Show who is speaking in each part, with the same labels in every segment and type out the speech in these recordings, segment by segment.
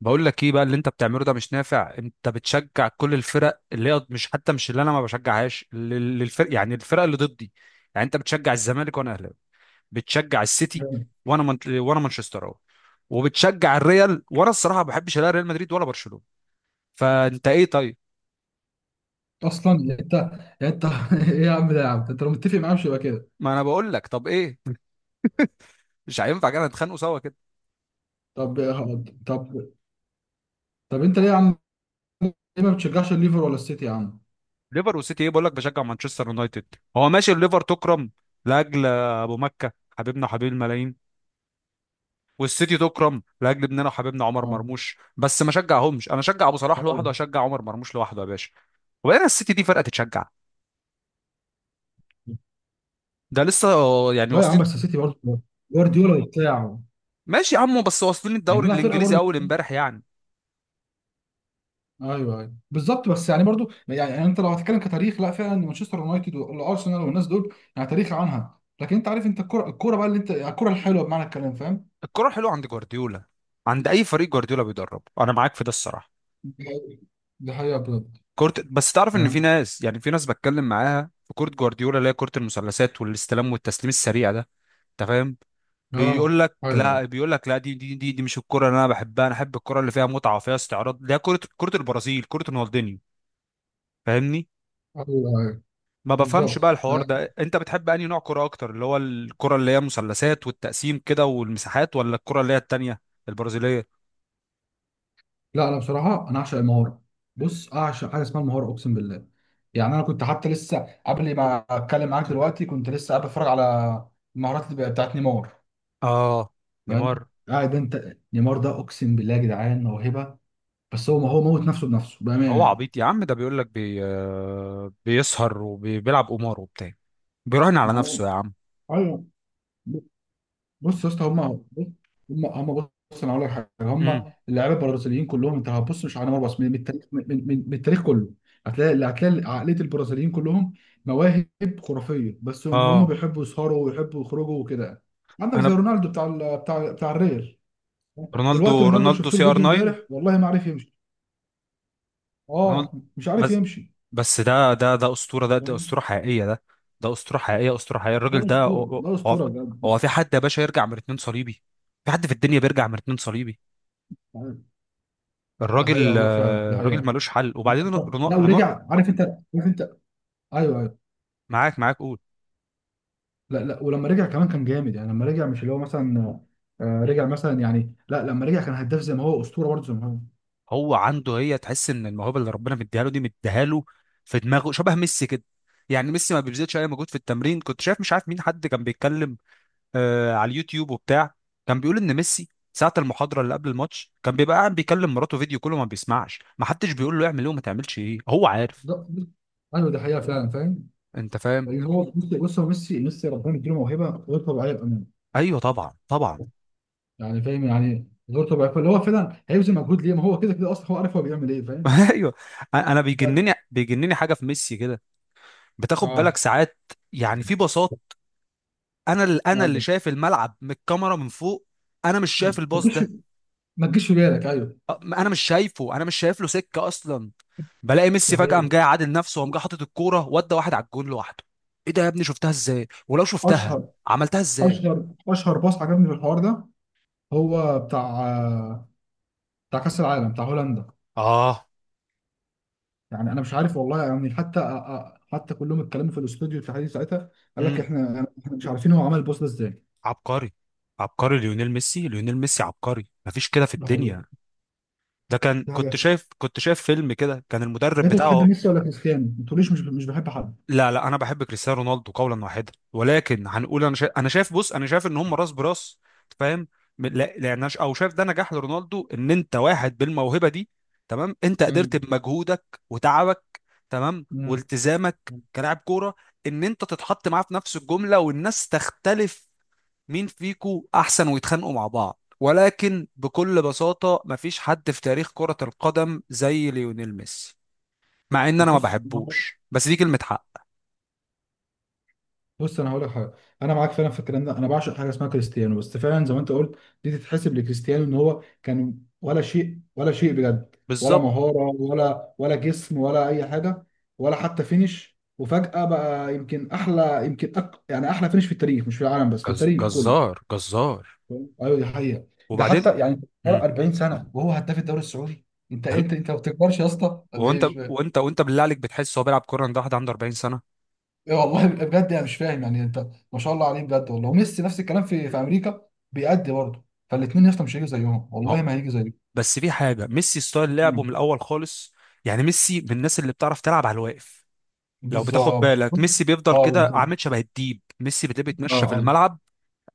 Speaker 1: بقول لك ايه بقى اللي انت بتعمله ده مش نافع. انت بتشجع كل الفرق اللي هي مش، حتى مش اللي انا ما بشجعهاش، للفرق يعني الفرق اللي ضدي. يعني انت بتشجع الزمالك وانا اهلاوي، بتشجع السيتي
Speaker 2: جامد.
Speaker 1: وانا مانشستراوي، وبتشجع الريال وانا الصراحه ما بحبش لا ريال مدريد ولا برشلونه. فانت ايه طيب؟
Speaker 2: اصلا يعني انت ايه يا عم، ده يا عم انت لو متفق معاه مش يبقى كده؟
Speaker 1: ما انا بقول لك طب ايه، مش هينفع كده نتخانقوا سوا كده.
Speaker 2: طب، طب، طب انت ليه يا عم؟ ليه ما بتشجعش الليفر ولا السيتي يا عم؟
Speaker 1: ليفر وسيتي ايه، بقول لك بشجع مانشستر يونايتد. هو ماشي، الليفر تكرم لاجل ابو مكه، حبيبنا وحبيب الملايين، والسيتي تكرم لاجل ابننا وحبيبنا عمر
Speaker 2: اه،
Speaker 1: مرموش، بس ما شجعهمش. انا اشجع ابو صلاح لوحده
Speaker 2: أيوة.
Speaker 1: واشجع عمر مرموش لوحده يا باشا. وبعدين السيتي دي فرقه تتشجع، ده لسه يعني
Speaker 2: لا يا عم،
Speaker 1: واصلين.
Speaker 2: بس السيتي برضه جوارديولا وبتاعه.
Speaker 1: ماشي يا عمو، بس واصلين
Speaker 2: يعني
Speaker 1: الدوري
Speaker 2: لا، فرقه
Speaker 1: الانجليزي
Speaker 2: برضه.
Speaker 1: اول امبارح يعني.
Speaker 2: ايوه ايوه بالظبط، بس يعني برضه يعني انت لو هتتكلم كتاريخ، لا فعلا مانشستر يونايتد والارسنال والناس دول يعني تاريخ عنها، لكن انت عارف انت الكوره الكوره بقى اللي انت الكوره الحلوه بمعنى الكلام، فاهم؟
Speaker 1: الكره حلوه عند جوارديولا، عند اي فريق جوارديولا بيدربه، انا معاك في ده الصراحه.
Speaker 2: دي حقيقه، دي حقيقة بجد.
Speaker 1: كرة، بس تعرف ان في
Speaker 2: فاهم.
Speaker 1: ناس، يعني في ناس بتكلم معاها في كرة جوارديولا اللي هي كرة المثلثات والاستلام والتسليم السريع ده. انت فاهم؟
Speaker 2: اه، ايوه
Speaker 1: بيقول لك لا،
Speaker 2: ايوه
Speaker 1: بيقول لك لا، دي مش الكرة اللي انا بحبها. انا احب الكرة اللي فيها متعة وفيها استعراض، ده كرة، كرة البرازيل، كرة رونالدينيو. فاهمني؟
Speaker 2: ايوه أيوه.
Speaker 1: ما بفهمش
Speaker 2: بالظبط.
Speaker 1: بقى الحوار
Speaker 2: لا،
Speaker 1: ده، انت بتحب انهي نوع كرة اكتر، اللي هو الكرة اللي هي مثلثات والتقسيم كده والمساحات، ولا الكرة اللي هي التانية البرازيلية؟
Speaker 2: لا، انا بصراحه انا اعشق المهاره. بص اعشق حاجه اسمها المهاره، اقسم بالله. يعني انا كنت حتى لسه قبل ما اتكلم معاك دلوقتي كنت لسه قاعد بتفرج على المهارات اللي بتاعت نيمار،
Speaker 1: اه
Speaker 2: فاهم؟
Speaker 1: نيمار.
Speaker 2: قاعد انت، نيمار ده اقسم بالله يا جدعان موهبه، بس هو ما هو موت نفسه بنفسه
Speaker 1: هو
Speaker 2: بامانه يعني.
Speaker 1: عبيط يا عم، ده بيقول لك بي... آه، بيسهر وبيلعب قمار وبتاع، بيراهن على نفسه يا عم.
Speaker 2: ايوه. بص يا اسطى، هم، هم، هم. بص انا هقول لك حاجه، هم
Speaker 1: امم
Speaker 2: اللعيبه البرازيليين كلهم، انت هتبص مش على نيمار بس، من التاريخ، من التاريخ كله، هتلاقي اللي هتلاقي عقليه البرازيليين كلهم مواهب خرافيه، بس هم هم
Speaker 1: اه.
Speaker 2: بيحبوا يسهروا ويحبوا يخرجوا وكده. عندك زي
Speaker 1: انا
Speaker 2: رونالدو بتاع ال- بتاع بتاع الريال.
Speaker 1: رونالدو،
Speaker 2: دلوقتي رونالدو اللي
Speaker 1: رونالدو
Speaker 2: شفت
Speaker 1: سي
Speaker 2: له
Speaker 1: ار
Speaker 2: فيديو
Speaker 1: 9.
Speaker 2: امبارح والله ما عارف يمشي،
Speaker 1: رونالدو
Speaker 2: اه مش عارف
Speaker 1: بس،
Speaker 2: يمشي،
Speaker 1: بس ده اسطوره ده، ده اسطوره
Speaker 2: فاهم؟
Speaker 1: حقيقيه ده. ده اسطوره حقيقيه، اسطوره حقيقيه،
Speaker 2: ده
Speaker 1: الراجل ده.
Speaker 2: اسطوره، ده
Speaker 1: هو هو
Speaker 2: اسطوره بجد.
Speaker 1: هو في حد يا باشا يرجع من اتنين صليبي؟ في حد في الدنيا بيرجع من اتنين صليبي؟
Speaker 2: ده حقيقه
Speaker 1: الراجل
Speaker 2: والله فعلا، ده
Speaker 1: الراجل
Speaker 2: حقيقه.
Speaker 1: ملوش حل. وبعدين رنا
Speaker 2: لا
Speaker 1: رنا،
Speaker 2: ورجع، عارف انت، عارف انت. ايوه.
Speaker 1: معاك قول.
Speaker 2: لا لا، ولما رجع كمان كان جامد، يعني لما رجع مش اللي هو مثلا، رجع مثلا يعني، لا لما رجع كان هداف زي ما هو اسطوره برضه زي ما هو.
Speaker 1: هو عنده، هي تحس ان الموهبه اللي ربنا مديها له دي مديها له، في دماغه شبه ميسي كده. يعني ميسي ما بيبذلش اي مجهود في التمرين. كنت شايف مش عارف مين، حد كان بيتكلم على اليوتيوب وبتاع، كان بيقول ان ميسي ساعة المحاضرة اللي قبل الماتش كان بيبقى قاعد بيكلم مراته فيديو، كله ما بيسمعش، ما حدش بيقول له اعمل ايه وما تعملش ايه، هو عارف.
Speaker 2: ده ده- ايوه دي حقيقه فعلا، فاهم.
Speaker 1: انت فاهم؟
Speaker 2: لان هو بص، بص هو ميسي ربنا يديله موهبه غير طبيعيه بامانه.
Speaker 1: ايوه طبعا طبعا.
Speaker 2: يعني فاهم يعني غير طبيعيه، فاللي هو فعلا هيبذل مجهود ليه؟ ما هو كده كده اصلا هو عارف هو بيعمل ايه، فاهم.
Speaker 1: ايوه. انا
Speaker 2: بجد.
Speaker 1: بيجنني حاجة في ميسي كده. بتاخد بالك
Speaker 2: اه،
Speaker 1: ساعات، يعني في باصات، انا اللي، انا اللي
Speaker 2: أيوة.
Speaker 1: شايف الملعب من الكاميرا من فوق انا مش شايف
Speaker 2: ما
Speaker 1: الباص
Speaker 2: تجيش،
Speaker 1: ده.
Speaker 2: ما تجيش في بالك، ايوه.
Speaker 1: ما انا مش شايفه، انا مش شايف له سكه اصلا. بلاقي ميسي
Speaker 2: ده
Speaker 1: فجاه
Speaker 2: حقيقي.
Speaker 1: قام جاي عادل نفسه وقام جاي حاطط الكوره ودى واحد على الجون لوحده. ايه ده يا ابني؟ شفتها ازاي؟ ولو شفتها
Speaker 2: اشهر،
Speaker 1: عملتها ازاي؟
Speaker 2: اشهر، اشهر باص عجبني في الحوار ده هو بتاع، آه، بتاع كاس العالم بتاع هولندا.
Speaker 1: اه
Speaker 2: يعني انا مش عارف والله، يعني حتى حتى كلهم اتكلموا في الاستوديو التحليلي ساعتها، قال لك
Speaker 1: امم.
Speaker 2: احنا احنا مش عارفين هو عمل البوست ده ازاي.
Speaker 1: عبقري، عبقري ليونيل ميسي، ليونيل ميسي عبقري، مفيش كده في
Speaker 2: ده هو.
Speaker 1: الدنيا. ده كان،
Speaker 2: دي
Speaker 1: كنت
Speaker 2: حاجه.
Speaker 1: شايف، كنت شايف فيلم كده، كان المدرب
Speaker 2: انت بتحب
Speaker 1: بتاعه.
Speaker 2: ميسي ولا كريستيانو؟ ما تقوليش مش مش بحب حد.
Speaker 1: لا انا بحب كريستيانو رونالدو قولا واحدا، ولكن هنقول انا شايف، انا شايف، بص انا شايف ان هم راس براس. فاهم؟ لا لان أنا ش- او شايف ده نجاح لرونالدو، ان انت واحد بالموهبه دي، تمام، انت قدرت
Speaker 2: مم.
Speaker 1: بمجهودك وتعبك، تمام،
Speaker 2: مم.
Speaker 1: والتزامك كلاعب كوره، ان انت تتحط معاه في نفس الجمله، والناس تختلف مين فيكو احسن ويتخانقوا مع بعض. ولكن بكل بساطه مفيش حد في تاريخ كره القدم زي ليونيل ميسي، مع ان انا ما
Speaker 2: بص،
Speaker 1: بحبوش، بس دي كلمه حق.
Speaker 2: بص انا هقول لك حاجه، انا معاك فعلا في الكلام ده، انا بعشق حاجه اسمها كريستيانو بس فعلا زي ما انت قلت. دي تتحسب لكريستيانو ان هو كان ولا شيء، ولا شيء بجد، ولا
Speaker 1: بالظبط.
Speaker 2: مهاره، ولا ولا جسم، ولا اي حاجه، ولا حتى فينش، وفجاه بقى يمكن احلى يمكن يعني احلى فينش في التاريخ، مش في العالم بس، في التاريخ كله،
Speaker 1: جزار جزار.
Speaker 2: فاهم؟ ايوه دي حقيقه. ده
Speaker 1: وبعدين
Speaker 2: حتى
Speaker 1: بالظبط.
Speaker 2: يعني فرق
Speaker 1: امم.
Speaker 2: 40 سنه وهو هداف الدوري السعودي. انت ما بتكبرش يا اسطى ولا ايه؟
Speaker 1: وانت
Speaker 2: مش،
Speaker 1: وانت وانت بالله عليك بتحس هو بيلعب كوره ده، واحد عنده 40 سنه؟
Speaker 2: إيه والله بجد، انا مش فاهم يعني انت، ما شاء الله عليه بجد والله. وميسي نفس الكلام في امريكا بيأدي برضه، فالاثنين يا اسطى مش هيجوا زيهم،
Speaker 1: ما هو،
Speaker 2: والله ما هيجي زيهم.
Speaker 1: بس في حاجه ميسي ستايل لعبه من
Speaker 2: مم.
Speaker 1: الاول خالص. يعني ميسي من الناس اللي بتعرف تلعب على الواقف. لو بتاخد
Speaker 2: بالظبط.
Speaker 1: بالك، ميسي بيفضل
Speaker 2: اه،
Speaker 1: كده
Speaker 2: بالظبط.
Speaker 1: عامل شبه الديب، ميسي بتلاقيه
Speaker 2: اه،
Speaker 1: بيتمشى في
Speaker 2: ايوه.
Speaker 1: الملعب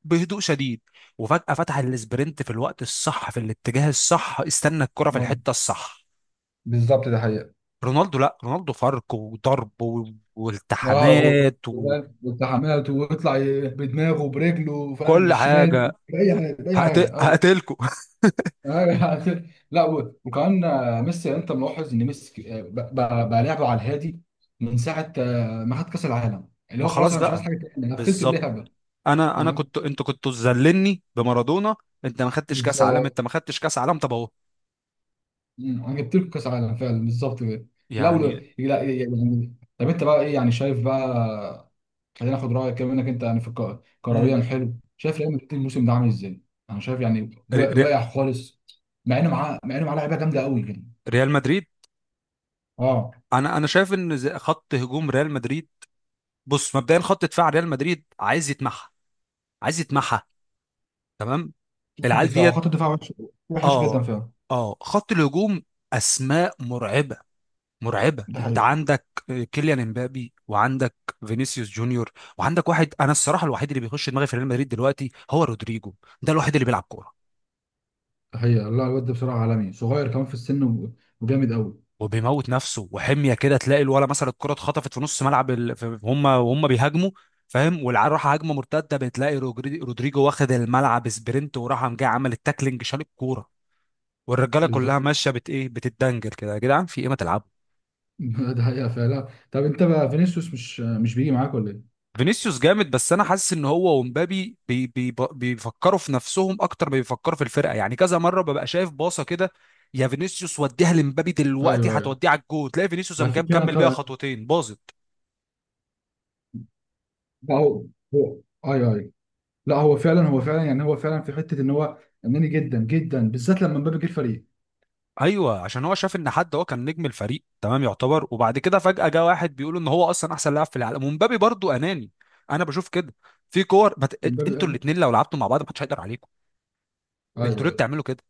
Speaker 1: بهدوء شديد، وفجاه فتح الاسبرنت في الوقت الصح في الاتجاه الصح، استنى الكره في
Speaker 2: آه،
Speaker 1: الحته الصح.
Speaker 2: بالظبط ده حقيقة.
Speaker 1: رونالدو لا، رونالدو فرق وضرب
Speaker 2: اه،
Speaker 1: والتحامات
Speaker 2: وفاهم والتحامات، ويطلع بدماغه برجله، فاهم،
Speaker 1: وكل
Speaker 2: بالشمال
Speaker 1: حاجه.
Speaker 2: بأي حاجة بأي حاجة، أيوة.
Speaker 1: هقتلكوا
Speaker 2: آه، لا وكمان، ميسي، يعني انت ملاحظ ان ميسي بقى لعبه على الهادي من ساعه ما خد كاس العالم، اللي
Speaker 1: ما
Speaker 2: هو خلاص
Speaker 1: خلاص
Speaker 2: انا مش عايز
Speaker 1: بقى.
Speaker 2: حاجه تاني، انا قفلت
Speaker 1: بالظبط.
Speaker 2: اللعبه،
Speaker 1: انا
Speaker 2: فاهم.
Speaker 1: كنت، انتوا كنتوا تذللني بمارادونا، انت ما خدتش كاس عالم،
Speaker 2: بالظبط.
Speaker 1: انت ما خدتش كاس عالم، طب اهو
Speaker 2: مم، انا جبت لكم كاس عالم فعلا، بالظبط كده. لا
Speaker 1: يعني.
Speaker 2: لا يعني، طب انت بقى ايه يعني؟ شايف بقى، خلينا ناخد رايك كمان انك انت يعني في كرويا
Speaker 1: امم.
Speaker 2: حلو، شايف ريال مدريد الموسم ده عامل ازاي؟ انا شايف يعني
Speaker 1: ري... ري...
Speaker 2: واقع خالص، مع انه معاه لعيبه جامده قوي يعني.
Speaker 1: ريال مدريد.
Speaker 2: اه،
Speaker 1: انا شايف ان خط هجوم ريال مدريد، بص مبدئيا خط دفاع ريال مدريد عايز يتمحى، عايز يتمحى. تمام.
Speaker 2: خط
Speaker 1: العيال
Speaker 2: الدفاع،
Speaker 1: ديت.
Speaker 2: خط الدفاع وحش، وحش جدا
Speaker 1: اه.
Speaker 2: فعلا.
Speaker 1: اه خط الهجوم، اسماء مرعبه، مرعبه.
Speaker 2: ده
Speaker 1: انت
Speaker 2: حقيقة.
Speaker 1: عندك كيليان امبابي، وعندك فينيسيوس جونيور، وعندك واحد، انا الصراحه الوحيد اللي بيخش دماغي في ريال مدريد دلوقتي هو رودريجو. ده الوحيد اللي بيلعب كوره،
Speaker 2: ده حقيقة، لا الواد ده بصراحة عالمي، صغير كمان في السن و- وجامد قوي.
Speaker 1: وبيموت نفسه وحميه كده، تلاقي الولا مثلا الكره اتخطفت في نص ملعب هم وهم بيهاجموا، فاهم، والعيال راح هجمه مرتده، بتلاقي رودريجو واخد الملعب سبرنت وراح قام جاي عمل التاكلينج شال الكوره، والرجاله كلها
Speaker 2: بالظبط.
Speaker 1: ماشيه بت ايه، بتتدنجل كده. يا جدعان في ايه، ما تلعبوا.
Speaker 2: ده حقيقة فعلا، طب انت بقى فينيسيوس مش بيجي معاك ولا ايه؟
Speaker 1: فينيسيوس جامد، بس انا حاسس ان هو ومبابي بي بي بيفكروا في نفسهم اكتر ما بيفكروا في الفرقه. يعني كذا مره ببقى شايف باصه كده، يا فينيسيوس وديها لمبابي دلوقتي
Speaker 2: ايوه ايوه.
Speaker 1: هتوديها على الجول، تلاقي فينيسيوس
Speaker 2: لا
Speaker 1: قام
Speaker 2: في
Speaker 1: جاي
Speaker 2: فعلا
Speaker 1: مكمل بيها خطوتين باظت.
Speaker 2: لا هو، ايوه ايوه، لا هو فعلا يعني هو فعلا في حتة ان هو اناني جدا جدا، بالذات لما مبابي جه الفريق.
Speaker 1: ايوه، عشان هو شاف ان حد، هو كان نجم الفريق تمام يعتبر، وبعد كده فجاه جه واحد بيقول ان هو اصلا احسن لاعب في العالم، ومبابي برضو اناني. انا بشوف كده. في انتوا
Speaker 2: مبابي.
Speaker 1: الاثنين لو لعبتوا مع بعض محدش هيقدر عليكم. انتوا
Speaker 2: ايوه
Speaker 1: ليه
Speaker 2: ايوه
Speaker 1: بتعملوا كده؟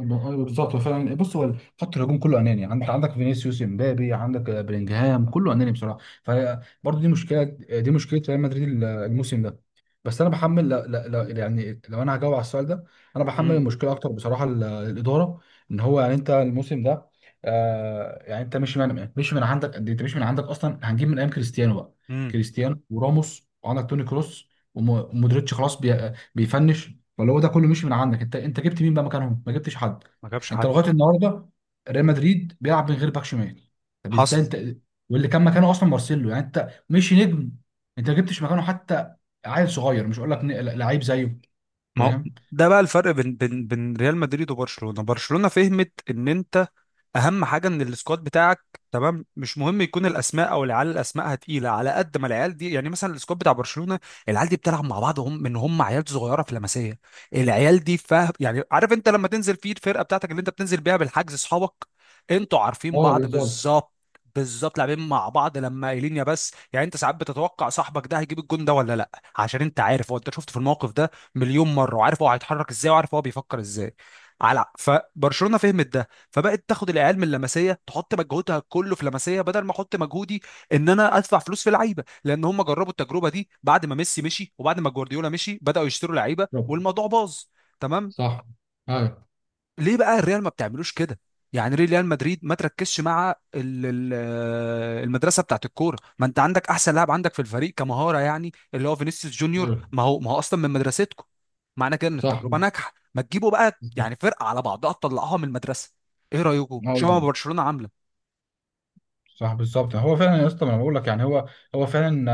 Speaker 2: ايوه، بالظبط هو فعلا، بص هو خط الهجوم كله اناني، انت عندك فينيسيوس، امبابي، عندك بلينجهام، كله اناني بصراحه. فبرضه دي مشكله، دي مشكله ريال مدريد الموسم ده. بس انا بحمل، لا لا لا، يعني لو انا هجاوب على السؤال ده، انا بحمل
Speaker 1: امم.
Speaker 2: المشكله اكتر بصراحه الاداره. ان هو يعني انت الموسم ده، يعني انت مش من عندك، قد إيه؟ انت مش من عندك اصلا، هنجيب من ايام كريستيانو بقى،
Speaker 1: امم.
Speaker 2: كريستيانو وراموس، وعندك توني كروس ومودريتش، خلاص بيفنش. فاللي هو ده كله مش من عندك. انت جبت مين بقى مكانهم؟ ما جبتش حد.
Speaker 1: ما جابش
Speaker 2: انت
Speaker 1: حد.
Speaker 2: لغايه مم، النهارده ريال مدريد بيلعب من غير باك شمال، طب ازاي
Speaker 1: حصل.
Speaker 2: انت؟ واللي كان مكانه اصلا مارسيلو، يعني انت مش نجم، انت ما جبتش مكانه حتى، عيل صغير، مش هقول لك لعيب زيه،
Speaker 1: ما هو
Speaker 2: فاهم.
Speaker 1: ده بقى الفرق بين ريال مدريد وبرشلونة. برشلونة فهمت ان انت اهم حاجه ان السكواد بتاعك تمام، مش مهم يكون الاسماء، او العيال الاسماء تقيله على قد ما العيال دي. يعني مثلا السكواد بتاع برشلونه، العيال دي بتلعب مع بعض، هم من هم عيال صغيره في لمسيه. العيال دي فاهم يعني، عارف انت لما تنزل في الفرقه بتاعتك اللي انت بتنزل بيها بالحجز اصحابك، انتوا عارفين
Speaker 2: اه
Speaker 1: بعض
Speaker 2: بالظبط.
Speaker 1: بالظبط، بالظبط، لاعبين مع بعض لما قايلين. يا بس يعني، انت ساعات بتتوقع صاحبك ده هيجيب الجون ده ولا لا، عشان انت عارف هو، انت شفته في الموقف ده مليون مره، وعارف هو هيتحرك ازاي وعارف هو بيفكر ازاي. على فبرشلونه فهمت ده، فبقت تاخد العيال من لمسيه، تحط مجهودها كله في لمسيه، بدل ما احط مجهودي ان انا ادفع فلوس في لعيبه. لان هم جربوا التجربه دي بعد ما ميسي مشي وبعد ما جوارديولا مشي، بداوا يشتروا لعيبه
Speaker 2: بالظبط.
Speaker 1: والموضوع باظ. تمام.
Speaker 2: صح. ايوه
Speaker 1: ليه بقى الريال ما بتعملوش كده؟ يعني ليه ريال مدريد ما تركزش مع المدرسه بتاعت الكوره؟ ما انت عندك احسن لاعب عندك في الفريق كمهاره، يعني اللي هو فينيسيوس جونيور،
Speaker 2: ايوه.
Speaker 1: ما هو، ما هو اصلا من مدرستكم. معنى كده ان
Speaker 2: صح.
Speaker 1: التجربه ناجحه، ما تجيبوا بقى
Speaker 2: بالظبط.
Speaker 1: يعني فرقه على بعضها تطلعوها من المدرسه. ايه رايكم؟ شوفوا ما
Speaker 2: أيوة.
Speaker 1: برشلونه عامله.
Speaker 2: صح بالظبط. هو فعلا يا اسطى، ما انا بقول لك يعني هو، هو فعلا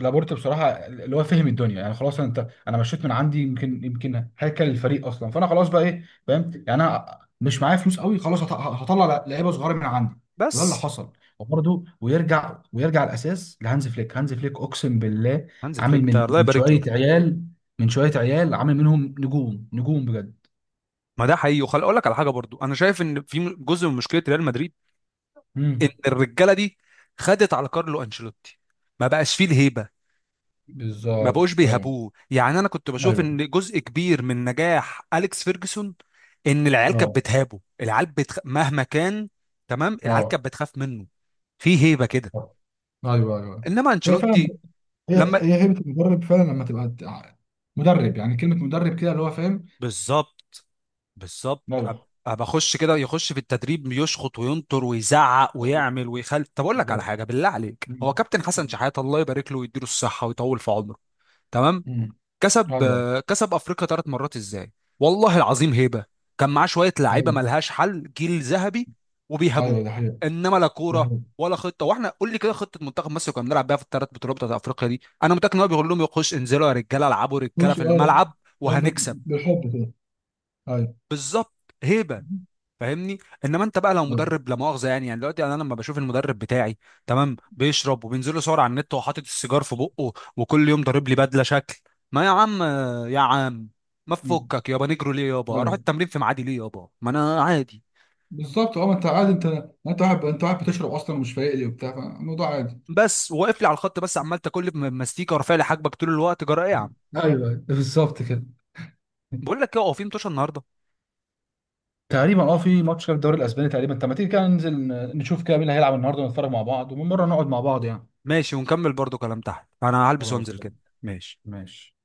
Speaker 2: لابورت بصراحه اللي هو فهم الدنيا، يعني خلاص انت، انا مشيت من عندي يمكن، يمكن هيكل الفريق اصلا، فانا خلاص بقى ايه فاهم، يعني انا مش معايا فلوس قوي خلاص، هطلع لعيبه صغيره من عندي، وده اللي
Speaker 1: بس
Speaker 2: حصل. وبرده ويرجع الاساس لهانز فليك. هانز فليك اقسم بالله
Speaker 1: هانز فليك
Speaker 2: عامل
Speaker 1: ده
Speaker 2: من
Speaker 1: الله يبارك
Speaker 2: شويه
Speaker 1: له.
Speaker 2: عيال، من شويه عيال عامل منهم نجوم، نجوم بجد.
Speaker 1: ما ده حقيقي. وخلي اقول لك على حاجه برضو، انا شايف ان في جزء من مشكله ريال مدريد، ان
Speaker 2: امم.
Speaker 1: الرجاله دي خدت على كارلو انشيلوتي، ما بقاش فيه الهيبه، ما بقوش
Speaker 2: بالظبط. ايوه
Speaker 1: بيهابوه. يعني انا كنت بشوف
Speaker 2: ايوه.
Speaker 1: ان جزء كبير من نجاح اليكس فيرجسون ان العيال كانت
Speaker 2: اه،
Speaker 1: بتهابه، العيال مهما كان، تمام، العيال
Speaker 2: اه
Speaker 1: كانت بتخاف منه، في هيبه كده.
Speaker 2: ايوه ايوه.
Speaker 1: انما
Speaker 2: هي فعلا
Speaker 1: انشيلوتي
Speaker 2: هي،
Speaker 1: لما،
Speaker 2: هيبة المدرب فعلا لما تبقى مدرب، يعني كلمة مدرب كده اللي هو فاهم.
Speaker 1: بالظبط، بالظبط،
Speaker 2: ايوه
Speaker 1: بخش كده يخش في التدريب، يشخط وينطر ويزعق ويعمل ويخل. طب اقول لك على
Speaker 2: بالظبط.
Speaker 1: حاجه بالله عليك،
Speaker 2: مم.
Speaker 1: هو كابتن حسن شحاته الله يبارك له ويديله الصحه ويطول في عمره، تمام،
Speaker 2: مم.
Speaker 1: كسب
Speaker 2: ايوه
Speaker 1: كسب افريقيا ثلاث مرات ازاي؟ والله العظيم هيبه. كان معاه شويه
Speaker 2: ده
Speaker 1: لعيبه
Speaker 2: حقيقي،
Speaker 1: ملهاش حل، جيل ذهبي، وبيهابوه.
Speaker 2: ايوه ده حقيقي.
Speaker 1: انما لا
Speaker 2: ده
Speaker 1: كوره
Speaker 2: حقيقي،
Speaker 1: ولا خطه. واحنا قول لي كده خطه منتخب مصر كنا بنلعب بيها في الثلاث بطولات بتاعت افريقيا دي؟ انا متاكد ان هو بيقول لهم يخش انزلوا يا رجاله، العبوا رجاله
Speaker 2: مش
Speaker 1: في
Speaker 2: اه
Speaker 1: الملعب
Speaker 2: لم-
Speaker 1: وهنكسب.
Speaker 2: بالحب كده. ايوه
Speaker 1: بالظبط، هيبه. فاهمني؟ انما انت بقى لو
Speaker 2: ايوه.
Speaker 1: مدرب، لا مؤاخذه يعني، يعني دلوقتي يعني، انا لما بشوف المدرب بتاعي، تمام، بيشرب وبينزل له صور على النت وهو حاطط السيجار في بقه، وكل يوم ضارب لي بدله شكل، ما يا عم، يا عم ما
Speaker 2: مم.
Speaker 1: تفكك يابا، نجرو ليه يابا؟ اروح
Speaker 2: أيوة.
Speaker 1: التمرين في ميعادي ليه يابا؟ ما انا عادي،
Speaker 2: بالظبط، اه ما انت عادي انت، انت واحد بتشرب اصلا ومش فايق لي وبتاع، فالموضوع عادي.
Speaker 1: بس واقف لي على الخط، بس عمال تاكل لي ماستيكه ورافع لي حاجبك طول الوقت، جرى ايه يا عم؟
Speaker 2: ايوه، أيوة، بالظبط كده.
Speaker 1: بقول لك ايه هو في متوشه النهارده؟
Speaker 2: تقريبا اه في ماتش كده في الدوري الاسباني تقريبا، طب ما تيجي كده ننزل نشوف كده مين اللي هيلعب النهارده ونتفرج مع بعض، ومن مره نقعد مع بعض يعني.
Speaker 1: ماشي، ونكمل برضو كلام تحت، انا هلبس
Speaker 2: خلاص
Speaker 1: وانزل
Speaker 2: طيب.
Speaker 1: كده. ماشي.
Speaker 2: ماشي